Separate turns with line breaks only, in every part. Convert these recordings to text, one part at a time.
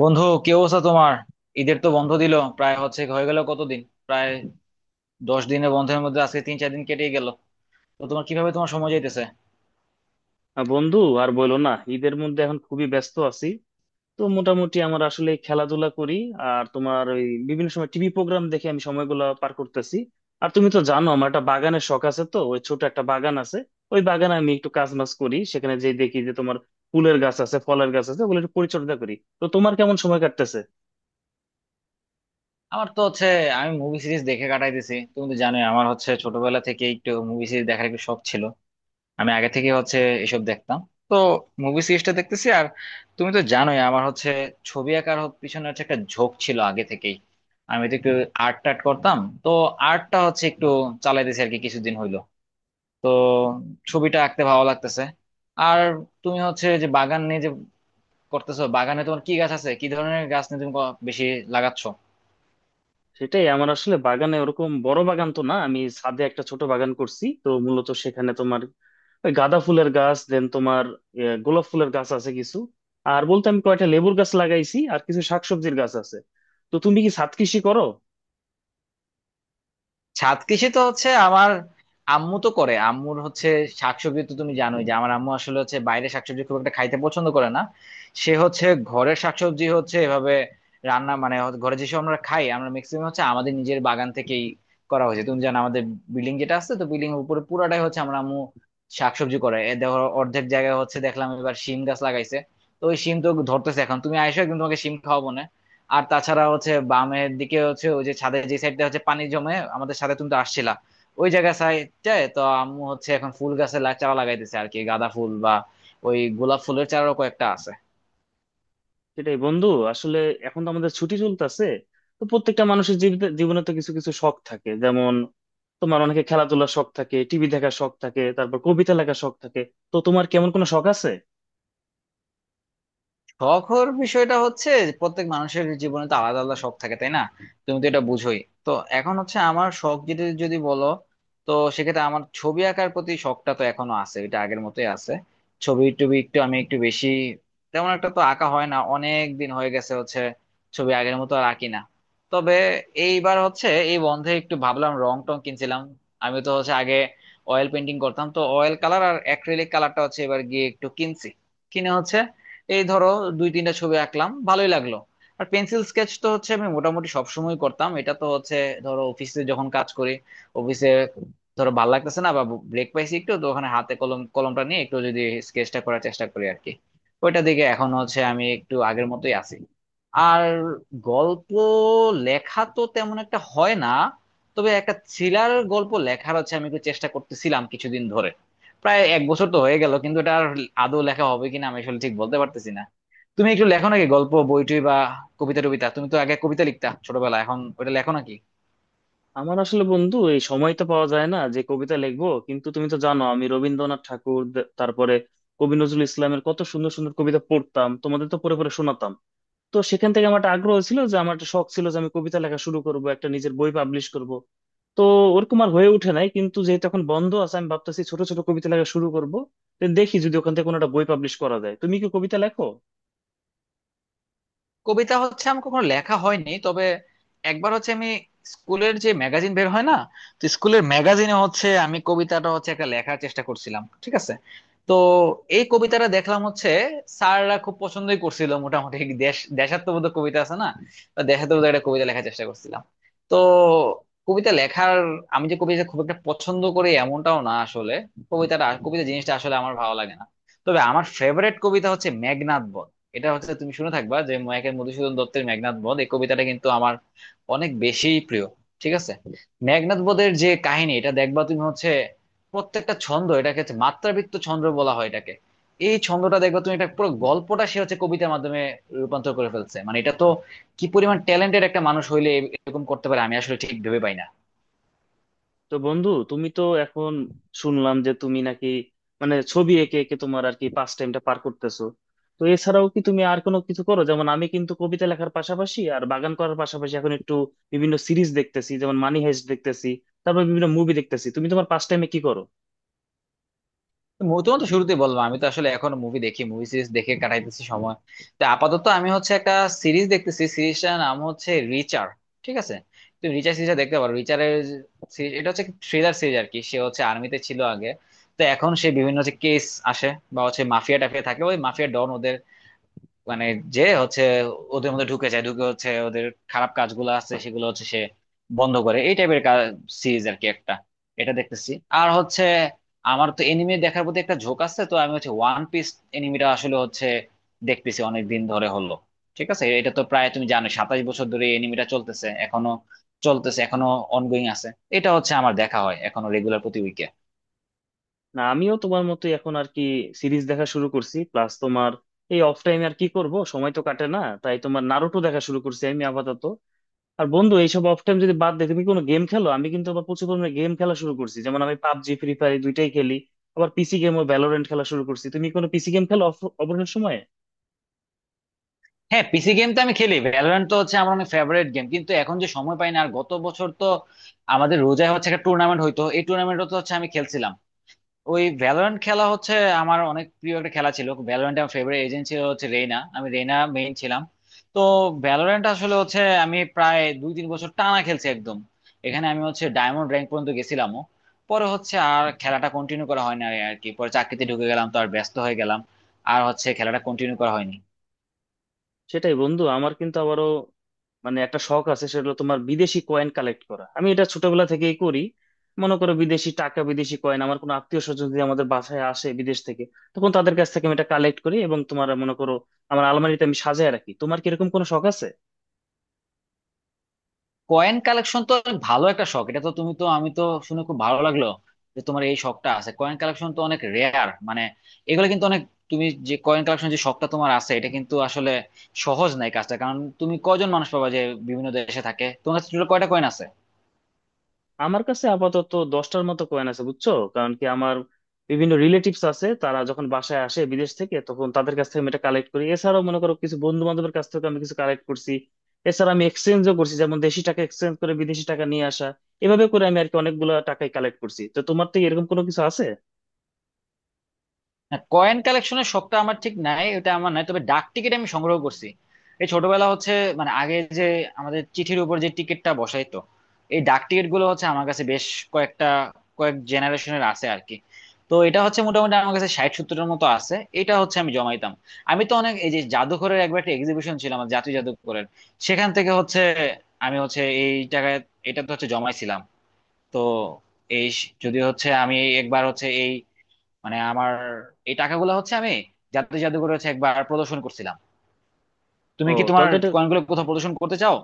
বন্ধু, কি অবস্থা তোমার? ঈদের তো বন্ধ দিল, প্রায় হচ্ছে হয়ে গেল কতদিন, প্রায় 10 দিনের বন্ধের মধ্যে আজকে 3-4 দিন কেটে গেল। তো তোমার কিভাবে তোমার সময় যাইতেছে?
বন্ধু, আর বলো না, ঈদের মধ্যে এখন খুবই ব্যস্ত আছি। তো মোটামুটি আমার আসলে খেলাধুলা করি আর তোমার ওই বিভিন্ন সময় টিভি প্রোগ্রাম দেখে আমি সময়গুলো পার করতেছি। আর তুমি তো জানো আমার একটা বাগানের শখ আছে, তো ওই ছোট একটা বাগান আছে। ওই বাগানে আমি একটু কাজ মাজ করি, সেখানে যেই দেখি যে তোমার ফুলের গাছ আছে, ফলের গাছ আছে, ওগুলো একটু পরিচর্যা করি। তো তোমার কেমন সময় কাটতেছে?
আমার তো হচ্ছে, আমি মুভি সিরিজ দেখে কাটাইতেছি। তুমি তো জানোই আমার হচ্ছে ছোটবেলা থেকে একটু মুভি সিরিজ দেখার একটু শখ ছিল, আমি আগে থেকে হচ্ছে এসব দেখতাম। তো মুভি সিরিজটা দেখতেছি। আর তুমি তো জানোই আমার হচ্ছে ছবি আঁকার পিছনে হচ্ছে একটা ঝোঁক ছিল আগে থেকেই, আমি তো একটু আর্ট টার্ট করতাম। তো আর্টটা হচ্ছে একটু চালাইতেছি আর কি কিছুদিন হইলো। তো ছবিটা আঁকতে ভালো লাগতেছে। আর তুমি হচ্ছে যে বাগান নিয়ে যে করতেছো, বাগানে তোমার কি গাছ আছে, কি ধরনের গাছ নিয়ে তুমি বেশি লাগাচ্ছ?
সেটাই, আমার আসলে বাগানে ওরকম বড় বাগান তো না, আমি ছাদে একটা ছোট বাগান করছি। তো মূলত সেখানে তোমার ওই গাঁদা ফুলের গাছ দেন তোমার, গোলাপ ফুলের গাছ আছে কিছু। আর বলতে আমি কয়টা লেবুর গাছ লাগাইছি, আর কিছু শাকসবজির গাছ আছে। তো তুমি কি ছাদ কৃষি করো?
ছাদ কৃষি তো হচ্ছে আমার আম্মু তো করে, আম্মুর হচ্ছে শাকসবজি। তো তুমি জানোই যে আমার আম্মু আসলে হচ্ছে বাইরে শাকসবজি খুব একটা খাইতে পছন্দ করে না। সে হচ্ছে ঘরের শাকসবজি হচ্ছে এভাবে রান্না, মানে হচ্ছে ঘরে যেসব আমরা খাই আমরা ম্যাক্সিমাম হচ্ছে আমাদের নিজের বাগান থেকেই করা হয়েছে। তুমি জানো আমাদের বিল্ডিং যেটা আছে, তো বিল্ডিং এর উপরে পুরাটাই হচ্ছে আমার আম্মু শাকসবজি করে। এ দেখো অর্ধেক জায়গায় হচ্ছে দেখলাম এবার শিম গাছ লাগাইছে। তো ওই শিম তো ধরতেছে এখন, তুমি আইসো একদিন তোমাকে শিম খাওয়াবো না। আর তাছাড়া হচ্ছে বামের দিকে হচ্ছে ওই যে ছাদের যে সাইডটা হচ্ছে পানি জমে, আমাদের সাথে তুমি তো আসছিলা, ওই জায়গা সাইডটায় তো আম্মু হচ্ছে এখন ফুল গাছের চারা লাগাইতেছে আর কি, গাঁদা ফুল বা ওই গোলাপ ফুলের চারাও কয়েকটা আছে।
সেটাই বন্ধু, আসলে এখন তো আমাদের ছুটি চলতেছে। তো প্রত্যেকটা মানুষের জীবনে তো কিছু কিছু শখ থাকে, যেমন তোমার অনেকে খেলাধুলার শখ থাকে, টিভি দেখার শখ থাকে, তারপর কবিতা লেখার শখ থাকে। তো তোমার কেমন কোনো শখ আছে?
শখের বিষয়টা হচ্ছে প্রত্যেক মানুষের জীবনে তো আলাদা আলাদা শখ থাকে, তাই না? তুমি তো এটা বুঝোই। তো এখন হচ্ছে আমার শখ যদি যদি বলো, তো সেক্ষেত্রে আমার ছবি আঁকার প্রতি শখটা তো এখনো আছে, এটা আগের মতোই আছে। ছবি টবি একটু আমি একটু বেশি তেমন একটা তো আঁকা হয় না, অনেক দিন হয়ে গেছে হচ্ছে ছবি আগের মতো আর আঁকি না। তবে এইবার হচ্ছে এই বন্ধে একটু ভাবলাম, রং টং কিনছিলাম। আমি তো হচ্ছে আগে অয়েল পেন্টিং করতাম, তো অয়েল কালার আর অ্যাক্রিলিক কালারটা হচ্ছে এবার গিয়ে একটু কিনছি। কিনে হচ্ছে এই ধরো 2-3টা ছবি আঁকলাম, ভালোই লাগলো। আর পেন্সিল স্কেচ তো হচ্ছে আমি মোটামুটি সবসময় করতাম, এটা তো হচ্ছে ধরো অফিসে যখন কাজ করি, অফিসে ধরো ভালো লাগতেছে না বা ব্রেক পাইছি একটু, তো ওখানে হাতে কলমটা নিয়ে একটু যদি স্কেচটা করার চেষ্টা করি আর কি। ওইটা দিকে এখন হচ্ছে আমি একটু আগের মতোই আছি। আর গল্প লেখা তো তেমন একটা হয় না, তবে একটা থ্রিলার গল্প লেখার হচ্ছে আমি একটু চেষ্টা করতেছিলাম কিছুদিন ধরে, প্রায় 1 বছর তো হয়ে গেল, কিন্তু এটা আর আদৌ লেখা হবে কিনা আমি আসলে ঠিক বলতে পারতেছি না। তুমি একটু লেখো নাকি গল্প বইটই বা কবিতা টবিতা? তুমি তো আগে কবিতা লিখতা ছোটবেলায়, এখন ওটা লেখো নাকি?
আমার আসলে বন্ধু এই সময় তো পাওয়া যায় না যে কবিতা লিখবো, কিন্তু তুমি তো জানো আমি রবীন্দ্রনাথ ঠাকুর তারপরে কবি নজরুল ইসলামের কত সুন্দর সুন্দর কবিতা পড়তাম, তোমাদের তো পড়ে পড়ে শোনাতাম। তো সেখান থেকে আমার একটা আগ্রহ ছিল যে আমার একটা শখ ছিল যে আমি কবিতা লেখা শুরু করব, একটা নিজের বই পাবলিশ করব। তো ওরকম আর হয়ে উঠে নাই, কিন্তু যেহেতু এখন বন্ধ আছে আমি ভাবতেছি ছোট ছোট কবিতা লেখা শুরু করব। তো দেখি যদি ওখান থেকে কোনো একটা বই পাবলিশ করা যায়। তুমি কি কবিতা লেখো?
কবিতা হচ্ছে আমার কখনো লেখা হয়নি, তবে একবার হচ্ছে আমি স্কুলের যে ম্যাগাজিন বের হয় না, তো স্কুলের ম্যাগাজিনে হচ্ছে আমি কবিতাটা হচ্ছে একটা লেখার চেষ্টা করছিলাম, ঠিক আছে? তো এই কবিতাটা দেখলাম হচ্ছে স্যাররা খুব পছন্দই করছিল মোটামুটি। দেশ দেশাত্মবোধক কবিতা আছে না, তো দেশাত্মবোধক একটা কবিতা লেখার চেষ্টা করছিলাম। তো কবিতা লেখার, আমি যে কবিতা খুব একটা পছন্দ করি এমনটাও না আসলে, কবিতাটা কবিতা জিনিসটা আসলে আমার ভালো লাগে না। তবে আমার ফেভারিট কবিতা হচ্ছে মেঘনাদ। এটা হচ্ছে তুমি শুনে থাকবা যে মাইকেল মধুসূদন দত্তের মেঘনাদ বধ, এই কবিতাটা কিন্তু আমার অনেক বেশি প্রিয়, ঠিক আছে? মেঘনাদ বধের যে কাহিনী এটা দেখবা তুমি হচ্ছে প্রত্যেকটা ছন্দ, এটাকে হচ্ছে মাত্রাবৃত্ত ছন্দ বলা হয় এটাকে। এই ছন্দটা দেখবা তুমি, এটা পুরো গল্পটা সে হচ্ছে কবিতার মাধ্যমে রূপান্তর করে ফেলছে। মানে এটা তো কি পরিমাণ ট্যালেন্টেড একটা মানুষ হইলে এরকম করতে পারে, আমি আসলে ঠিক ভেবে পাই না।
তো বন্ধু, তুমি তো এখন শুনলাম যে তুমি নাকি মানে ছবি এঁকে এঁকে তোমার আর কি পাস টাইমটা পার করতেছো। তো এছাড়াও কি তুমি আর কোনো কিছু করো? যেমন আমি কিন্তু কবিতা লেখার পাশাপাশি আর বাগান করার পাশাপাশি এখন একটু বিভিন্ন সিরিজ দেখতেছি, যেমন মানি হাইস্ট দেখতেছি, তারপর বিভিন্ন মুভি দেখতেছি। তুমি তোমার পাস টাইমে কি করো?
তোমার তো শুরুতেই বললাম আমি তো আসলে এখনো মুভি দেখি, মুভি সিরিজ দেখে কাটাইতেছি সময়। তো আপাতত আমি হচ্ছে একটা সিরিজ দেখতেছি, সিরিজটার নাম হচ্ছে রিচার, ঠিক আছে? তুমি রিচার সিরিজটা দেখতে পারো। রিচারের সিরিজ এটা হচ্ছে থ্রিলার সিরিজ আর কি। সে হচ্ছে আর্মিতে ছিল আগে, তো এখন সে বিভিন্ন হচ্ছে কেস আসে বা হচ্ছে মাফিয়া টাফিয়া থাকে, ওই মাফিয়া ডন, মানে যে হচ্ছে ওদের মধ্যে ঢুকে যায়, ঢুকে হচ্ছে ওদের খারাপ কাজগুলো আছে সেগুলো হচ্ছে সে বন্ধ করে, এই টাইপের সিরিজ আর কি একটা, এটা দেখতেছি। আর হচ্ছে আমার তো এনিমি দেখার প্রতি একটা ঝোঁক আছে, তো আমি হচ্ছে ওয়ান পিস এনিমিটা আসলে হচ্ছে দেখতেছি অনেক দিন ধরে হলো, ঠিক আছে? এটা তো প্রায় তুমি জানো 27 বছর ধরে এই এনিমিটা চলতেছে এখনো, অনগোয়িং আছে। এটা হচ্ছে আমার দেখা হয় এখনো রেগুলার প্রতি উইকে।
না, আমিও তোমার মতোই এখন আর কি সিরিজ দেখা শুরু করছি। প্লাস তোমার এই অফ টাইমে আর কি করব, সময় তো কাটে না, তাই তোমার নারুটো দেখা শুরু করছি আমি আপাতত। আর বন্ধু, এইসব অফ টাইম যদি বাদ দেয়, তুমি কোনো গেম খেলো? আমি কিন্তু আবার প্রচুর পরিমাণে গেম খেলা শুরু করছি, যেমন আমি পাবজি, ফ্রি ফায়ার এই দুইটাই খেলি। আবার পিসি গেমও ভ্যালোরেন্ট খেলা শুরু করছি। তুমি কোনো পিসি গেম খেলো অবসর সময়ে?
হ্যাঁ, পিসি গেম তো আমি খেলি, ভ্যালোরেন্ট তো হচ্ছে আমার অনেক ফেভারিট গেম, কিন্তু এখন যে সময় পাই না। আর গত বছর তো আমাদের রোজায় হচ্ছে একটা টুর্নামেন্ট হইতো, এই টুর্নামেন্টও তো হচ্ছে আমি খেলছিলাম। ওই ভ্যালোরেন্ট খেলা হচ্ছে আমার অনেক প্রিয় একটা খেলা ছিল, ভ্যালোরেন্ট আমার ফেভারিট এজেন্ট ছিল হচ্ছে রেইনা, আমি রেইনা মেইন ছিলাম। তো ভ্যালোরেন্ট আসলে হচ্ছে আমি প্রায় 2-3 বছর টানা খেলছি একদম। এখানে আমি হচ্ছে ডায়মন্ড র্যাঙ্ক পর্যন্ত গেছিলামও। পরে হচ্ছে আর খেলাটা কন্টিনিউ করা হয় না আর কি, পরে চাকরিতে ঢুকে গেলাম তো আর ব্যস্ত হয়ে গেলাম, আর হচ্ছে খেলাটা কন্টিনিউ করা হয়নি।
সেটাই বন্ধু, আমার কিন্তু আবারও মানে একটা শখ আছে, সেটা হলো তোমার বিদেশি কয়েন কালেক্ট করা। আমি এটা ছোটবেলা থেকেই করি। মনে করো বিদেশি টাকা, বিদেশি কয়েন, আমার কোনো আত্মীয় স্বজন যদি আমাদের বাসায় আসে বিদেশ থেকে, তখন তাদের কাছ থেকে আমি এটা কালেক্ট করি, এবং তোমার মনে করো আমার আলমারিতে আমি সাজায় রাখি। তোমার কি এরকম কোনো শখ আছে?
কয়েন কালেকশন তো অনেক ভালো একটা শখ, এটা তো তুমি তো আমি তো শুনে খুব ভালো লাগলো যে তোমার এই শখটা আছে। কয়েন কালেকশন তো অনেক রেয়ার, মানে এগুলো কিন্তু অনেক, তুমি যে কয়েন কালেকশন যে শখটা তোমার আছে এটা কিন্তু আসলে সহজ নাই কাজটা, কারণ তুমি কজন মানুষ পাবা যে বিভিন্ন দেশে থাকে। তোমার কাছে টোটাল কয়টা কয়েন আছে?
আমার কাছে আপাতত দশটার মতো কয়েন আছে বুঝছো, কারণ কি আমার বিভিন্ন রিলেটিভস আছে, তারা যখন বাসায় আসে বিদেশ থেকে তখন তাদের কাছ থেকে আমি এটা কালেক্ট করি। এছাড়াও মনে করো কিছু বন্ধু বান্ধবের কাছ থেকে আমি কিছু কালেক্ট করছি। এছাড়া আমি এক্সচেঞ্জও করছি, যেমন দেশি টাকা এক্সচেঞ্জ করে বিদেশি টাকা নিয়ে আসা। এভাবে করে আমি আর কি অনেকগুলো টাকাই কালেক্ট করছি। তো তোমার থেকে এরকম কোনো কিছু আছে?
কয়েন কালেকশনের শখটা আমার ঠিক নাই, ওটা আমার নাই, তবে ডাক টিকিট আমি সংগ্রহ করছি। এই ছোটবেলা হচ্ছে, মানে আগে যে আমাদের চিঠির উপর যে টিকিটটা বসাইতো, এই ডাক টিকিট গুলো হচ্ছে আমার কাছে বেশ কয়েকটা, কয়েক জেনারেশনের আছে আর কি। তো এটা হচ্ছে মোটামুটি আমার কাছে 60-70-এর মতো আছে, এটা হচ্ছে আমি জমাইতাম। আমি তো অনেক, এই যে জাদুঘরের একবার একটা এক্সিবিশন ছিল আমার, জাতীয় জাদুঘরের, সেখান থেকে হচ্ছে আমি হচ্ছে এই টাকায়, এটা তো হচ্ছে জমাইছিলাম। তো এই যদি হচ্ছে আমি একবার হচ্ছে এই, মানে আমার এই টাকাগুলো হচ্ছে আমি জাতীয় জাদুঘরে হচ্ছে একবার প্রদর্শন করছিলাম।
ও
তুমি কি তোমার
তাহলে তো এটা,
কয়েনগুলো কোথাও প্রদর্শন করতে চাও?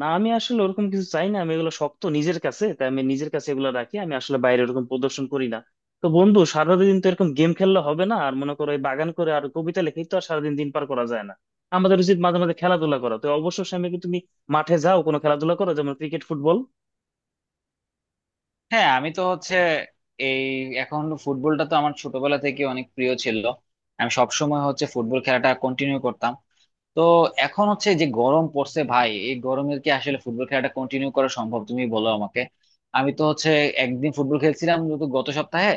না আমি আসলে ওরকম কিছু চাই না, আমি এগুলো শক্ত নিজের কাছে, তাই আমি নিজের কাছে এগুলো রাখি। আমি আসলে বাইরে ওরকম প্রদর্শন করি না। তো বন্ধু, সারাদিন তো এরকম গেম খেললে হবে না, আর মনে করো এই বাগান করে আর কবিতা লিখেই তো আর সারাদিন দিন পার করা যায় না। আমাদের উচিত মাঝে মাঝে খেলাধুলা করা। তো অবসর সময় কি তুমি মাঠে যাও? কোনো খেলাধুলা করো, যেমন ক্রিকেট, ফুটবল?
হ্যাঁ, আমি তো হচ্ছে এই এখন ফুটবলটা তো আমার ছোটবেলা থেকে অনেক প্রিয় ছিল, আমি সব সময় হচ্ছে ফুটবল খেলাটা কন্টিনিউ করতাম। তো এখন হচ্ছে যে গরম পড়ছে ভাই, এই গরমের কি আসলে ফুটবল খেলাটা কন্টিনিউ করা সম্ভব, তুমি বলো আমাকে? আমি তো হচ্ছে একদিন ফুটবল খেলছিলাম, তো গত সপ্তাহে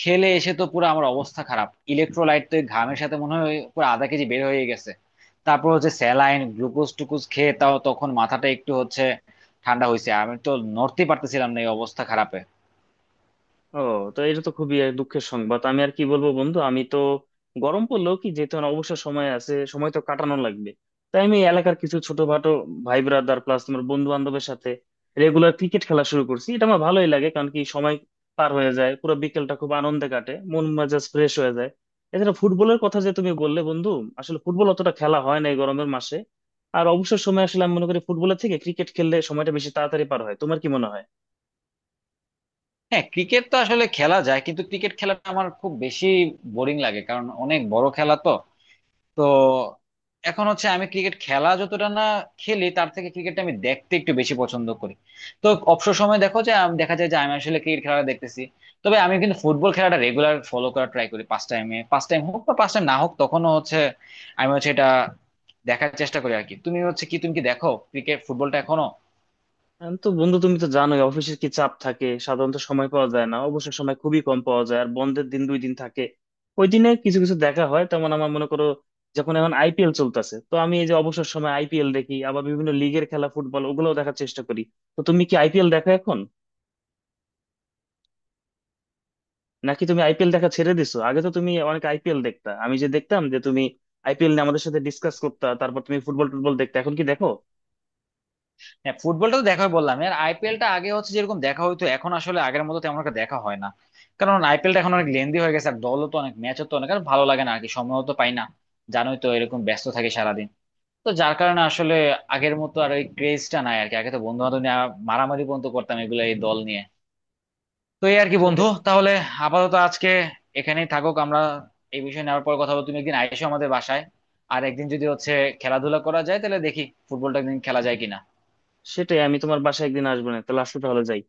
খেলে এসে তো পুরো আমার অবস্থা খারাপ, ইলেকট্রোলাইট তো এই ঘামের সাথে মনে হয় পুরো আধা কেজি বের হয়ে গেছে। তারপর হচ্ছে স্যালাইন গ্লুকোজ টুকুজ খেয়ে তাও তখন মাথাটা একটু হচ্ছে ঠান্ডা হয়েছে, আমি তো নড়তে পারতেছিলাম না, এই অবস্থা খারাপে।
ও, তো এটা তো খুবই এক দুঃখের সংবাদ, আমি আর কি বলবো বন্ধু। আমি তো গরম পড়লেও কি, যেহেতু আমার অবসর সময় আছে, সময় তো কাটানো লাগবে, তাই আমি এই এলাকার কিছু ছোটখাটো ভাই ব্রাদার প্লাস তোমার বন্ধু বান্ধবের সাথে রেগুলার ক্রিকেট খেলা শুরু করছি। এটা আমার ভালোই লাগে, কারণ কি সময় পার হয়ে যায়, পুরো বিকেলটা খুব আনন্দে কাটে, মন মেজাজ ফ্রেশ হয়ে যায়। এছাড়া ফুটবলের কথা যে তুমি বললে বন্ধু, আসলে ফুটবল অতটা খেলা হয় না এই গরমের মাসে। আর অবসর সময় আসলে আমি মনে করি ফুটবলের থেকে ক্রিকেট খেললে সময়টা বেশি তাড়াতাড়ি পার হয়। তোমার কি মনে হয়?
হ্যাঁ, ক্রিকেট তো আসলে খেলা যায়, কিন্তু ক্রিকেট খেলাটা আমার খুব বেশি বোরিং লাগে, কারণ অনেক বড় খেলা তো। তো এখন হচ্ছে আমি ক্রিকেট খেলা যতটা না খেলি, তার থেকে ক্রিকেটটা আমি দেখতে একটু বেশি পছন্দ করি। তো অবসর সময় দেখো যে দেখা যায় যে আমি আসলে ক্রিকেট খেলাটা দেখতেছি। তবে আমি কিন্তু ফুটবল খেলাটা রেগুলার ফলো করা ট্রাই করি, পাঁচ টাইমে পাঁচ টাইম হোক বা পাঁচ টাইম না হোক, তখনও হচ্ছে আমি হচ্ছে এটা দেখার চেষ্টা করি আর কি। তুমি হচ্ছে কি, তুমি কি দেখো ক্রিকেট ফুটবলটা এখনো?
তো বন্ধু, তুমি তো জানোই অফিসের কি চাপ থাকে, সাধারণত সময় পাওয়া যায় না, অবসর সময় খুবই কম পাওয়া যায়। আর বন্ধের দিন দুই দিন থাকে, ওই দিনে কিছু কিছু দেখা হয়। তেমন আমার মনে করো, যখন এখন আইপিএল চলতেছে, তো আমি এই যে অবসর সময় আইপিএল দেখি, আবার বিভিন্ন লিগের খেলা, ফুটবল ওগুলোও দেখার চেষ্টা করি। তো তুমি কি আইপিএল দেখো এখন, নাকি তুমি আইপিএল দেখা ছেড়ে দিছো? আগে তো তুমি অনেক আইপিএল দেখতা, আমি যে দেখতাম যে তুমি আইপিএল নিয়ে আমাদের সাথে ডিসকাস করতা। তারপর তুমি ফুটবল টুটবল দেখতে, এখন কি দেখো?
হ্যাঁ, ফুটবলটা তো দেখাই বললাম, আর আইপিএলটা আগে হচ্ছে যেরকম দেখা হইতো এখন আসলে আগের মতো তেমন একটা দেখা হয় না। কারণ আইপিএলটা এখন অনেক লেন্দি হয়ে গেছে, আর দলও তো অনেক, ম্যাচও তো অনেক, আর ভালো লাগে না আর কি, সময়ও তো পাই না, জানোই তো এরকম ব্যস্ত থাকে সারাদিন। তো যার কারণে আসলে আগের মতো আর ওই ক্রেজটা নাই আর কি, আগে তো বন্ধু বান্ধব নিয়ে মারামারি পর্যন্ত করতাম এগুলো এই দল নিয়ে। তো এই আর কি বন্ধু,
সেটাই
তাহলে আপাতত আজকে এখানেই থাকুক, আমরা এই বিষয়ে নেওয়ার পর কথা বলবো। তুমি একদিন আইসো আমাদের বাসায়, আর একদিন যদি হচ্ছে খেলাধুলা করা যায় তাহলে দেখি ফুটবলটা একদিন খেলা যায় কিনা।
সেটাই আমি তোমার বাসায় একদিন আসবো। না তাহলে আসলে, তাহলে যাই।